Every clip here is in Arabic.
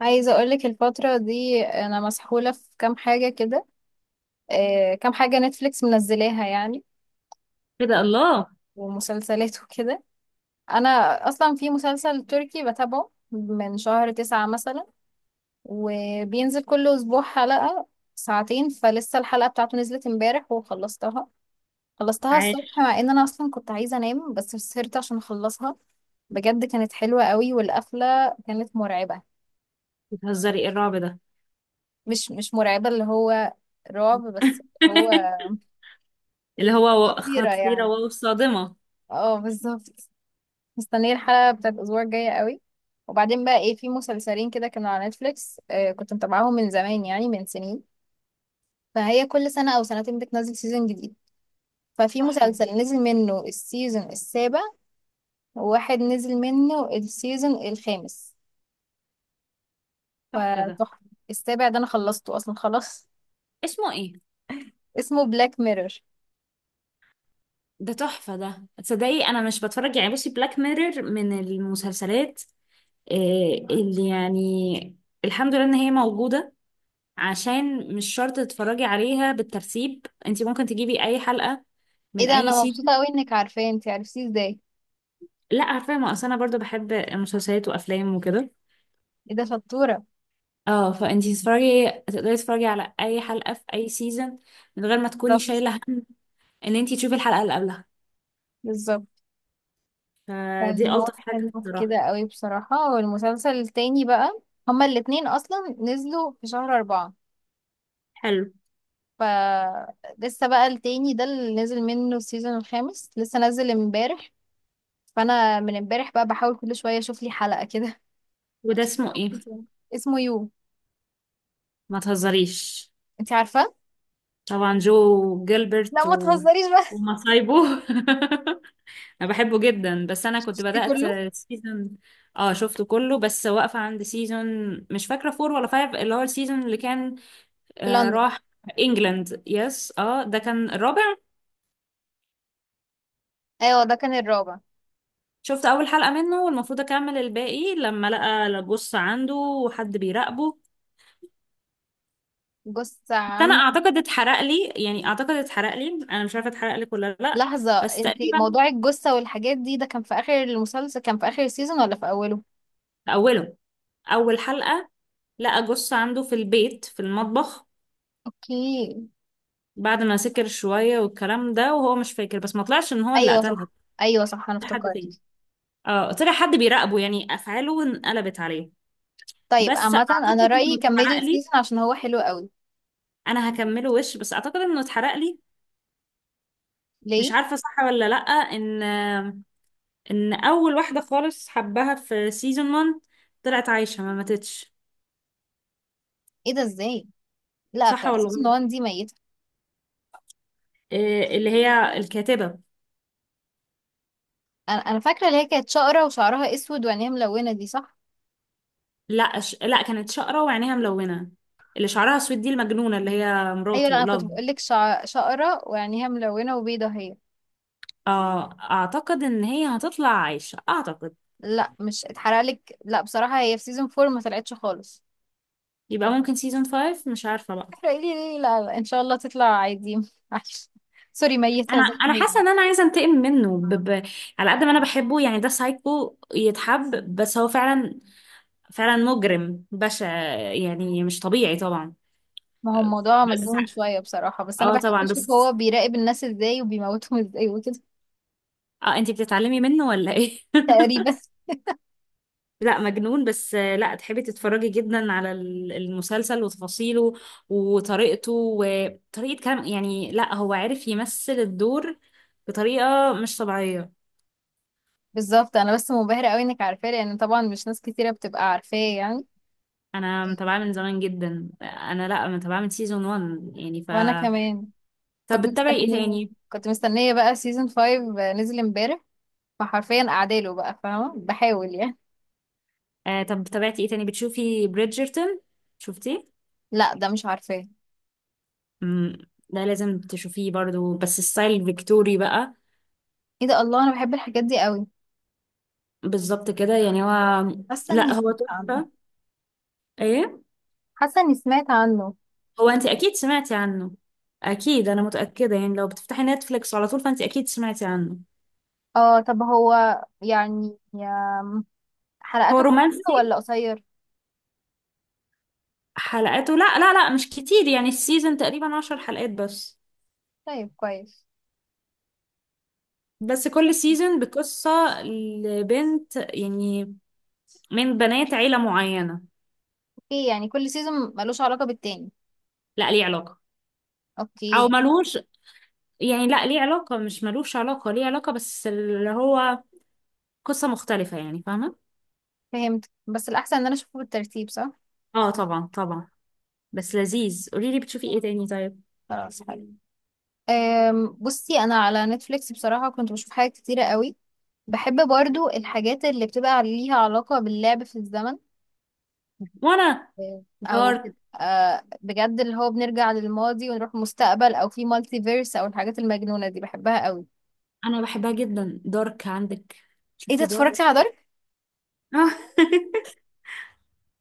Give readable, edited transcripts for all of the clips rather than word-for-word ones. عايزة أقولك الفترة دي أنا مسحولة في كام حاجة كده. كام حاجة نتفليكس منزلاها يعني، ايه ده الله. ومسلسلات وكده. أنا أصلا في مسلسل تركي بتابعه من شهر 9 مثلا، وبينزل كل أسبوع حلقة ساعتين. فلسه الحلقة بتاعته نزلت امبارح وخلصتها، خلصتها الصبح مع إن أنا أصلا كنت عايزة أنام بس سهرت عشان أخلصها. بجد كانت حلوة قوي والقفلة كانت مرعبة. بتهزري ايه الرعب ده؟ مش مرعبة اللي هو رعب بس، هو اللي هو خطيرة خطيرة يعني. وصادمة. اه بالظبط. مستنية الحلقة بتاعت الأسبوع الجاية قوي. وبعدين بقى ايه، في مسلسلين كده كانوا على نتفليكس، كنت متابعاهم من زمان يعني من سنين. فهي كل سنة أو سنتين بتنزل سيزون جديد. ففي تحفة ده. مسلسل نزل منه السيزون السابع، وواحد نزل منه السيزون الخامس. تحفة ده. فتحفة. السابع ده أنا خلصته أصلا خلاص. اسمه ايه؟ اسمه بلاك ميرور. ده تحفة ده، تصدقي انا مش بتفرج يعني، بصي بلاك ميرور من المسلسلات. إيه اللي الحمد لله ان هي موجودة، عشان مش شرط تتفرجي عليها بالترتيب، انت ممكن تجيبي اي حلقة ايه من ده، اي أنا سيزون. مبسوطة قوي إنك عارفاه. انتي عرفتيه ازاي؟ لا عارفة، ما اصل انا برضو بحب مسلسلات وافلام وكده. ايه ده شطورة. اه فانتي تتفرجي، تقدري تتفرجي على اي حلقة في اي سيزون من غير ما تكوني بالظبط. شايلة هم ان انتي تشوفي الحلقة اللي قبلها. بالظبط. فدي فهو الطف حاجة حلو في كده الصراحة. قوي بصراحة. والمسلسل التاني بقى، هما الاتنين أصلا نزلوا في شهر 4. حلو. فلسه بقى التاني ده اللي نزل منه السيزون الخامس لسه نزل امبارح. فأنا من امبارح بقى بحاول كل شوية أشوف لي حلقة كده. وده اسمه ايه؟ اسمه يو. ما تهزريش. انت عارفة؟ طبعا جو لا جيلبرت ما و... تهزريش بقى. ومصايبه. انا بحبه جدا بس انا كنت شفتي بدأت كله. سيزون. اه شفته كله، بس واقفة عند سيزون مش فاكرة فور ولا فايف، اللي هو السيزون اللي كان في آه لندن. راح انجلاند. يس، اه ده كان الرابع. ايوه ده كان الرابع. شفت اول حلقة منه، والمفروض اكمل الباقي لما لقى، بص، عنده وحد بيراقبه. جثة بس انا عن. اعتقد اتحرق لي، يعني اعتقد اتحرق لي. انا مش عارفة اتحرق لك ولا لا. لحظة، بس انت تقريبا موضوع الجثة والحاجات دي ده كان في آخر المسلسل، كان في آخر السيزون ولا في أوله؟ في اوله، اول حلقة، لقى جص عنده في البيت في المطبخ اوكي. بعد ما سكر شوية والكلام ده، وهو مش فاكر، بس ما طلعش ان هو اللي ايوه قتلها. صح. ايوه صح انا طلع حد تاني. افتكرت. اه طلع حد بيراقبه يعني، افعاله انقلبت عليه. طيب بس عامة اعتقد انا رأيي انه كملي اتحرق لي. السيزون عشان هو حلو قوي. انا هكمله وش، بس اعتقد انه اتحرق لي. مش ليه؟ عارفة صح ولا لأ ان ان اول واحده خالص حبها في سيزون 1 طلعت عايشه، ما ماتتش. ايه ده ازاي؟ لا صح بتاع ولا سيزون غلط؟ 1 دي ميتة. إيه اللي هي الكاتبه. انا فاكرة اللي هي كانت شقرة وشعرها اسود وعينيها ملونة، دي صح؟ لا كانت شقره وعينيها ملونه. اللي شعرها اسود دي المجنونه اللي هي ايوه. لا مراته انا كنت لاف. بقول لك شقرة وعينيها ملونة وبيضة هي. آه اعتقد ان هي هتطلع عايشه، اعتقد. لا مش اتحرق لك، لا بصراحة هي في سيزون 4 ما طلعتش خالص. يبقى ممكن سيزون 5، مش عارفه بقى. احرقي لي ليه؟ لا, لا ان شاء الله تطلع عادي. معلش. سوري ميتة انا زي انا ما حاسه هي. ان انا عايزه انتقم منه على قد ما انا بحبه، يعني ده سايكو يتحب، بس هو فعلا، فعلا مجرم بشع، يعني مش طبيعي طبعا. ما هو الموضوع بس مجنون شوية بصراحة، بس أنا اه بحب طبعا. أشوف هو بس بيراقب الناس إزاي وبيموتهم إزاي وكده. اه انتي بتتعلمي منه ولا ايه؟ تقريبا. لا مجنون بس. لا تحبي تتفرجي جدا على المسلسل وتفاصيله وطريقته وطريقة كلام، يعني لا هو عارف يمثل الدور بطريقة مش طبيعية. بالظبط انا بس منبهرة قوي انك عارفاه، لان طبعا مش ناس كتيرة بتبقى عارفاه يعني. انا متابعاه من زمان جدا، انا لا متابعاه من سيزون 1 يعني ف... وانا كمان. طب كنت بتتابعي ايه مستنية تاني؟ كنت مستنية بقى سيزون 5 نزل امبارح. فحرفيا قاعداله بقى فاهمة بحاول يعني. آه طب تابعتي ايه تاني؟ بتشوفي بريدجرتون؟ شفتيه؟ لا ده مش عارفاه. امم ده لازم تشوفيه برضو، بس ستايل فيكتوري بقى. ايه ده الله، انا بحب الحاجات دي قوي. بالظبط كده يعني هو... حاسة اني لا هو سمعت عنه. تحفة. ايه؟ حاسة اني سمعت عنه. هو انت اكيد سمعتي عنه، اكيد انا متأكدة يعني. لو بتفتحي نتفليكس على طول فانت اكيد سمعتي عنه. اه طب هو يعني هو حلقاته كتير رومانسي. ولا قصير؟ حلقاته لا مش كتير، يعني السيزون تقريبا عشر حلقات بس. طيب كويس. بس كل سيزون بقصة لبنت يعني، من بنات عيلة معينة. اوكي يعني كل سيزون ملوش علاقة بالتاني. لا ليه علاقة، او اوكي. ملوش، يعني لا ليه علاقة، مش ملوش علاقة، ليه علاقة، بس اللي هو قصة مختلفة يعني، فاهمة؟ فهمت، بس الأحسن إن أنا أشوفه بالترتيب، صح؟ اه طبعا طبعا. بس لذيذ، قولي لي بتشوفي ايه تاني طيب. خلاص حلو. بصي أنا على نتفليكس بصراحة كنت بشوف حاجات كتيرة قوي. بحب برضو الحاجات اللي بتبقى ليها علاقة باللعب في الزمن. وانا أو دارك. تبقى بجد اللي هو بنرجع للماضي ونروح المستقبل، أو في مالتي فيرس، أو الحاجات المجنونة دي بحبها قوي. انا بحبها جدا، دارك عندك؟ إيه ده، شفتي اتفرجتي على دارك؟ دارك؟ آه.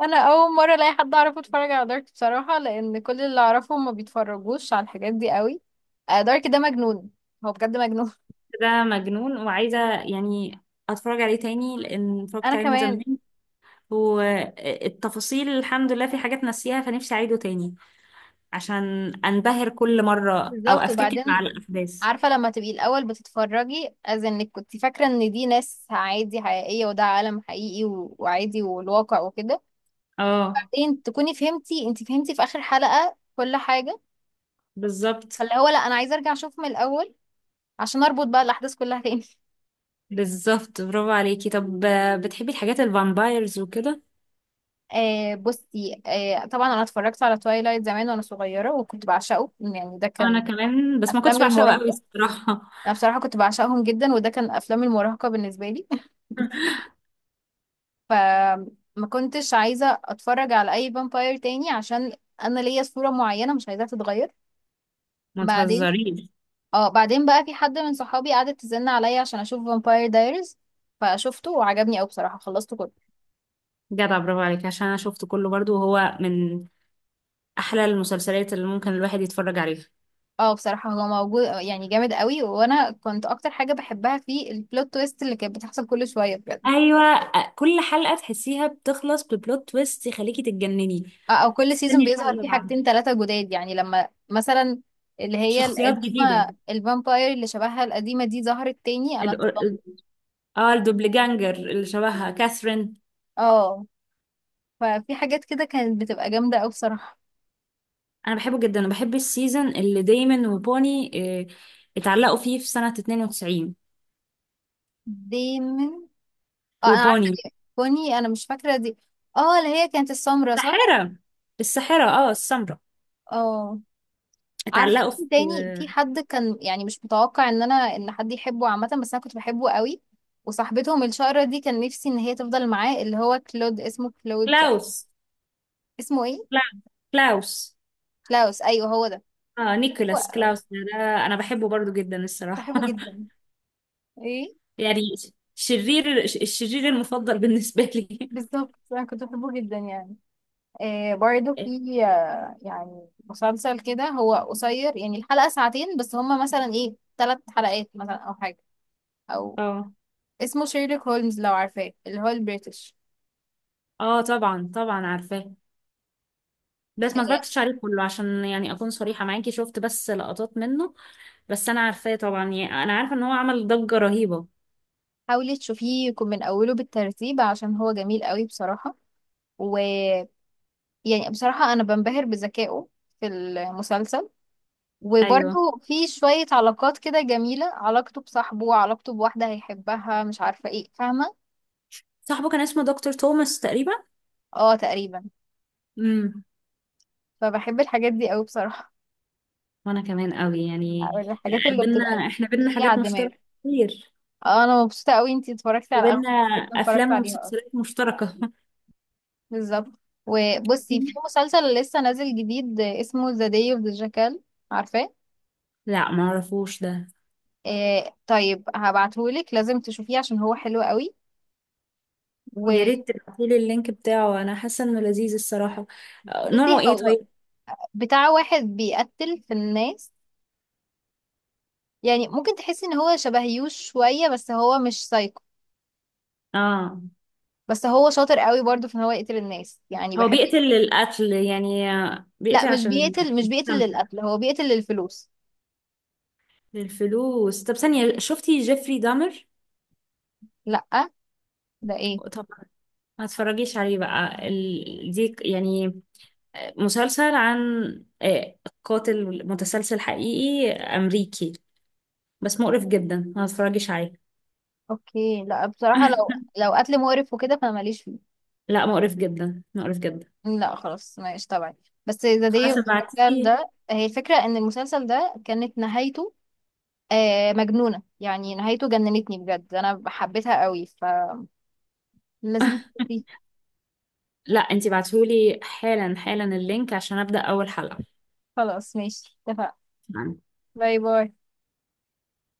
أنا أول مرة ألاقي حد أعرفه اتفرج على دارك بصراحة، لأن كل اللي أعرفهم ما بيتفرجوش على الحاجات دي قوي. دارك ده مجنون. هو بجد مجنون. ده مجنون، وعايزة يعني أتفرج عليه تاني لأن اتفرجت أنا عليه من كمان. زمان والتفاصيل الحمد لله في حاجات ناسيها، فنفسي أعيده تاني عشان أنبهر كل مرة أو بالظبط. أفتكر وبعدين، مع الأحداث. عارفة لما تبقي الأول بتتفرجي از انك كنت فاكرة ان دي ناس عادي حقيقية وده عالم حقيقي وعادي والواقع وكده. اه بعدين تكوني فهمتي، انت فهمتي في آخر حلقة كل حاجة. بالظبط. فاللي هو لا انا عايزة ارجع اشوف من الأول عشان اربط بقى الأحداث كلها تاني. بالظبط، برافو عليكي. طب بتحبي الحاجات الفامبايرز وكده؟ آه بصي، آه طبعا انا اتفرجت على توايلايت زمان وانا صغيرة وكنت بعشقه، يعني ده كان أنا كمان، بس ما كنتش افلام بعشقها قوي المراهقة. الصراحة. انا بصراحة كنت بعشقهم جدا وده كان افلام المراهقة بالنسبة لي. فما كنتش عايزة اتفرج على اي فامباير تاني عشان انا ليا صورة معينة مش عايزاها تتغير. ما بعدين، تهزريش. اه بعدين بقى في حد من صحابي قعدت تزن عليا عشان اشوف فامباير دايرز، فشفته وعجبني قوي بصراحة، خلصته كله. جدع، برافو عليك، عشان انا شفته كله برضو وهو من احلى المسلسلات اللي ممكن الواحد يتفرج عليها. اه بصراحة هو موجود، يعني جامد قوي، وانا كنت اكتر حاجة بحبها فيه البلوت تويست اللي كانت بتحصل كل شوية بجد. ايوه، كل حلقه تحسيها بتخلص ببلوت تويست يخليكي تتجنني، او كل سيزون تستني الحلقه بيظهر اللي فيه بعدها. حاجتين ثلاثة جداد، يعني لما مثلا اللي هي شخصيات القديمة جديده، الفامباير اللي شبهها القديمة دي ظهرت تاني انا ال- اتصدمت. ال- اه الدوبلجانجر اللي شبهها كاثرين. اه. ففي حاجات كده كانت بتبقى جامدة أوي بصراحة. انا بحبه جدا، وبحب السيزون اللي دايما وبوني آه، اتعلقوا فيه في سنة 92. دايما. اه أنا عارفة وبوني دي كوني، أنا مش فاكرة دي. اه اللي هي كانت السمرة، صح؟ الساحرة. الساحرة اه، السمراء. اه. عارفة اتعلقوا في انت تاني في حد كان يعني مش متوقع ان انا ان حد يحبه عامة، بس انا كنت بحبه قوي. وصاحبتهم الشقرة دي كان نفسي ان هي تفضل معاه، اللي هو كلود، اسمه كلود. كلاوس. اسمه ايه؟ كلاوس، كلاوس. كلاوس ايوه هو ده. اه هو. نيكولاس كلاوس ده. انا بحبه برضو جدا كنت الصراحة. بحبه جدا. ايه. يعني الشرير المفضل بالنسبة لي. بالظبط انا كنت بحبه جدا يعني. برضو في يعني مسلسل كده هو قصير، يعني الحلقة ساعتين بس، هما مثلا ايه 3 حلقات مثلا او حاجة، او اه. اسمه شيرلوك هولمز لو عارفاه، اللي هو البريتش. اه طبعا طبعا عارفاه، بس آه، ما اتفرجتش عليه كله، عشان يعني اكون صريحة معاكي، شفت بس لقطات منه. بس انا عارفاه طبعا، يعني انا عارفة ان هو عمل ضجة رهيبة. حاولي تشوفيه يكون من اوله بالترتيب عشان هو جميل قوي بصراحة. ويعني، بصراحة انا بنبهر بذكائه في المسلسل، ايوه، وبرضو في شوية علاقات كده جميلة، علاقته بصاحبه علاقته بواحدة هيحبها مش عارفة ايه، فاهمة. صاحبه كان اسمه دكتور توماس تقريبا. اه تقريبا. امم فبحب الحاجات دي قوي بصراحة. وانا كمان قوي او يعني، الحاجات اللي بينا بتبقى احنا، بينا تقيلة على حاجات الدماغ. مشتركة كتير، اه انا مبسوطة قوي انتي اتفرجتي على اغلب وبينا الحاجات اللي اتفرجت افلام عليها اصلا. ومسلسلات مشتركة. بالظبط. وبصي في مسلسل لسه نازل جديد اسمه ذا داي اوف ذا جاكال، عارفاه؟ لا معرفوش ده. آه طيب هبعتهولك لازم تشوفيه عشان هو حلو قوي. يا وبصي، ريت تبعتيلي اللينك بتاعه، انا حاسه انه لذيذ الصراحه. نوعه ايه هو طيب؟ بتاع واحد بيقتل في الناس، يعني ممكن تحسي ان هو شبه يوش شوية بس هو مش سايكو. اه بس هو شاطر قوي برضه في ان هو يقتل الناس يعني هو بحب. بيقتل القتل يعني، لا بيقتل مش عشان بيقتل مش بيقتل يستمتع، للقتل، هو بيقتل للفلوس. للفلوس؟ طب ثانيه، شفتي جيفري دامر؟ لا ده ايه؟ طب ما تتفرجيش عليه بقى، دي يعني مسلسل عن آه، قاتل متسلسل حقيقي امريكي، بس مقرف جدا، ما تتفرجيش عليه. اوكي لا بصراحة لو، لو قتل مقرف وكده فانا ماليش فيه. لا مقرف جدا، مقرف جدا. لا خلاص ماشي طبعا. بس ذا داي خلاص اوف ابعتيه. ده، هي الفكرة ان المسلسل ده كانت نهايته مجنونة، يعني نهايته جننتني بجد انا حبيتها قوي. فلازم تشوفيه. لا انتي بعتهولي حالا حالا اللينك عشان ابدأ اول حلقة. خلاص ماشي اتفقنا. باي باي.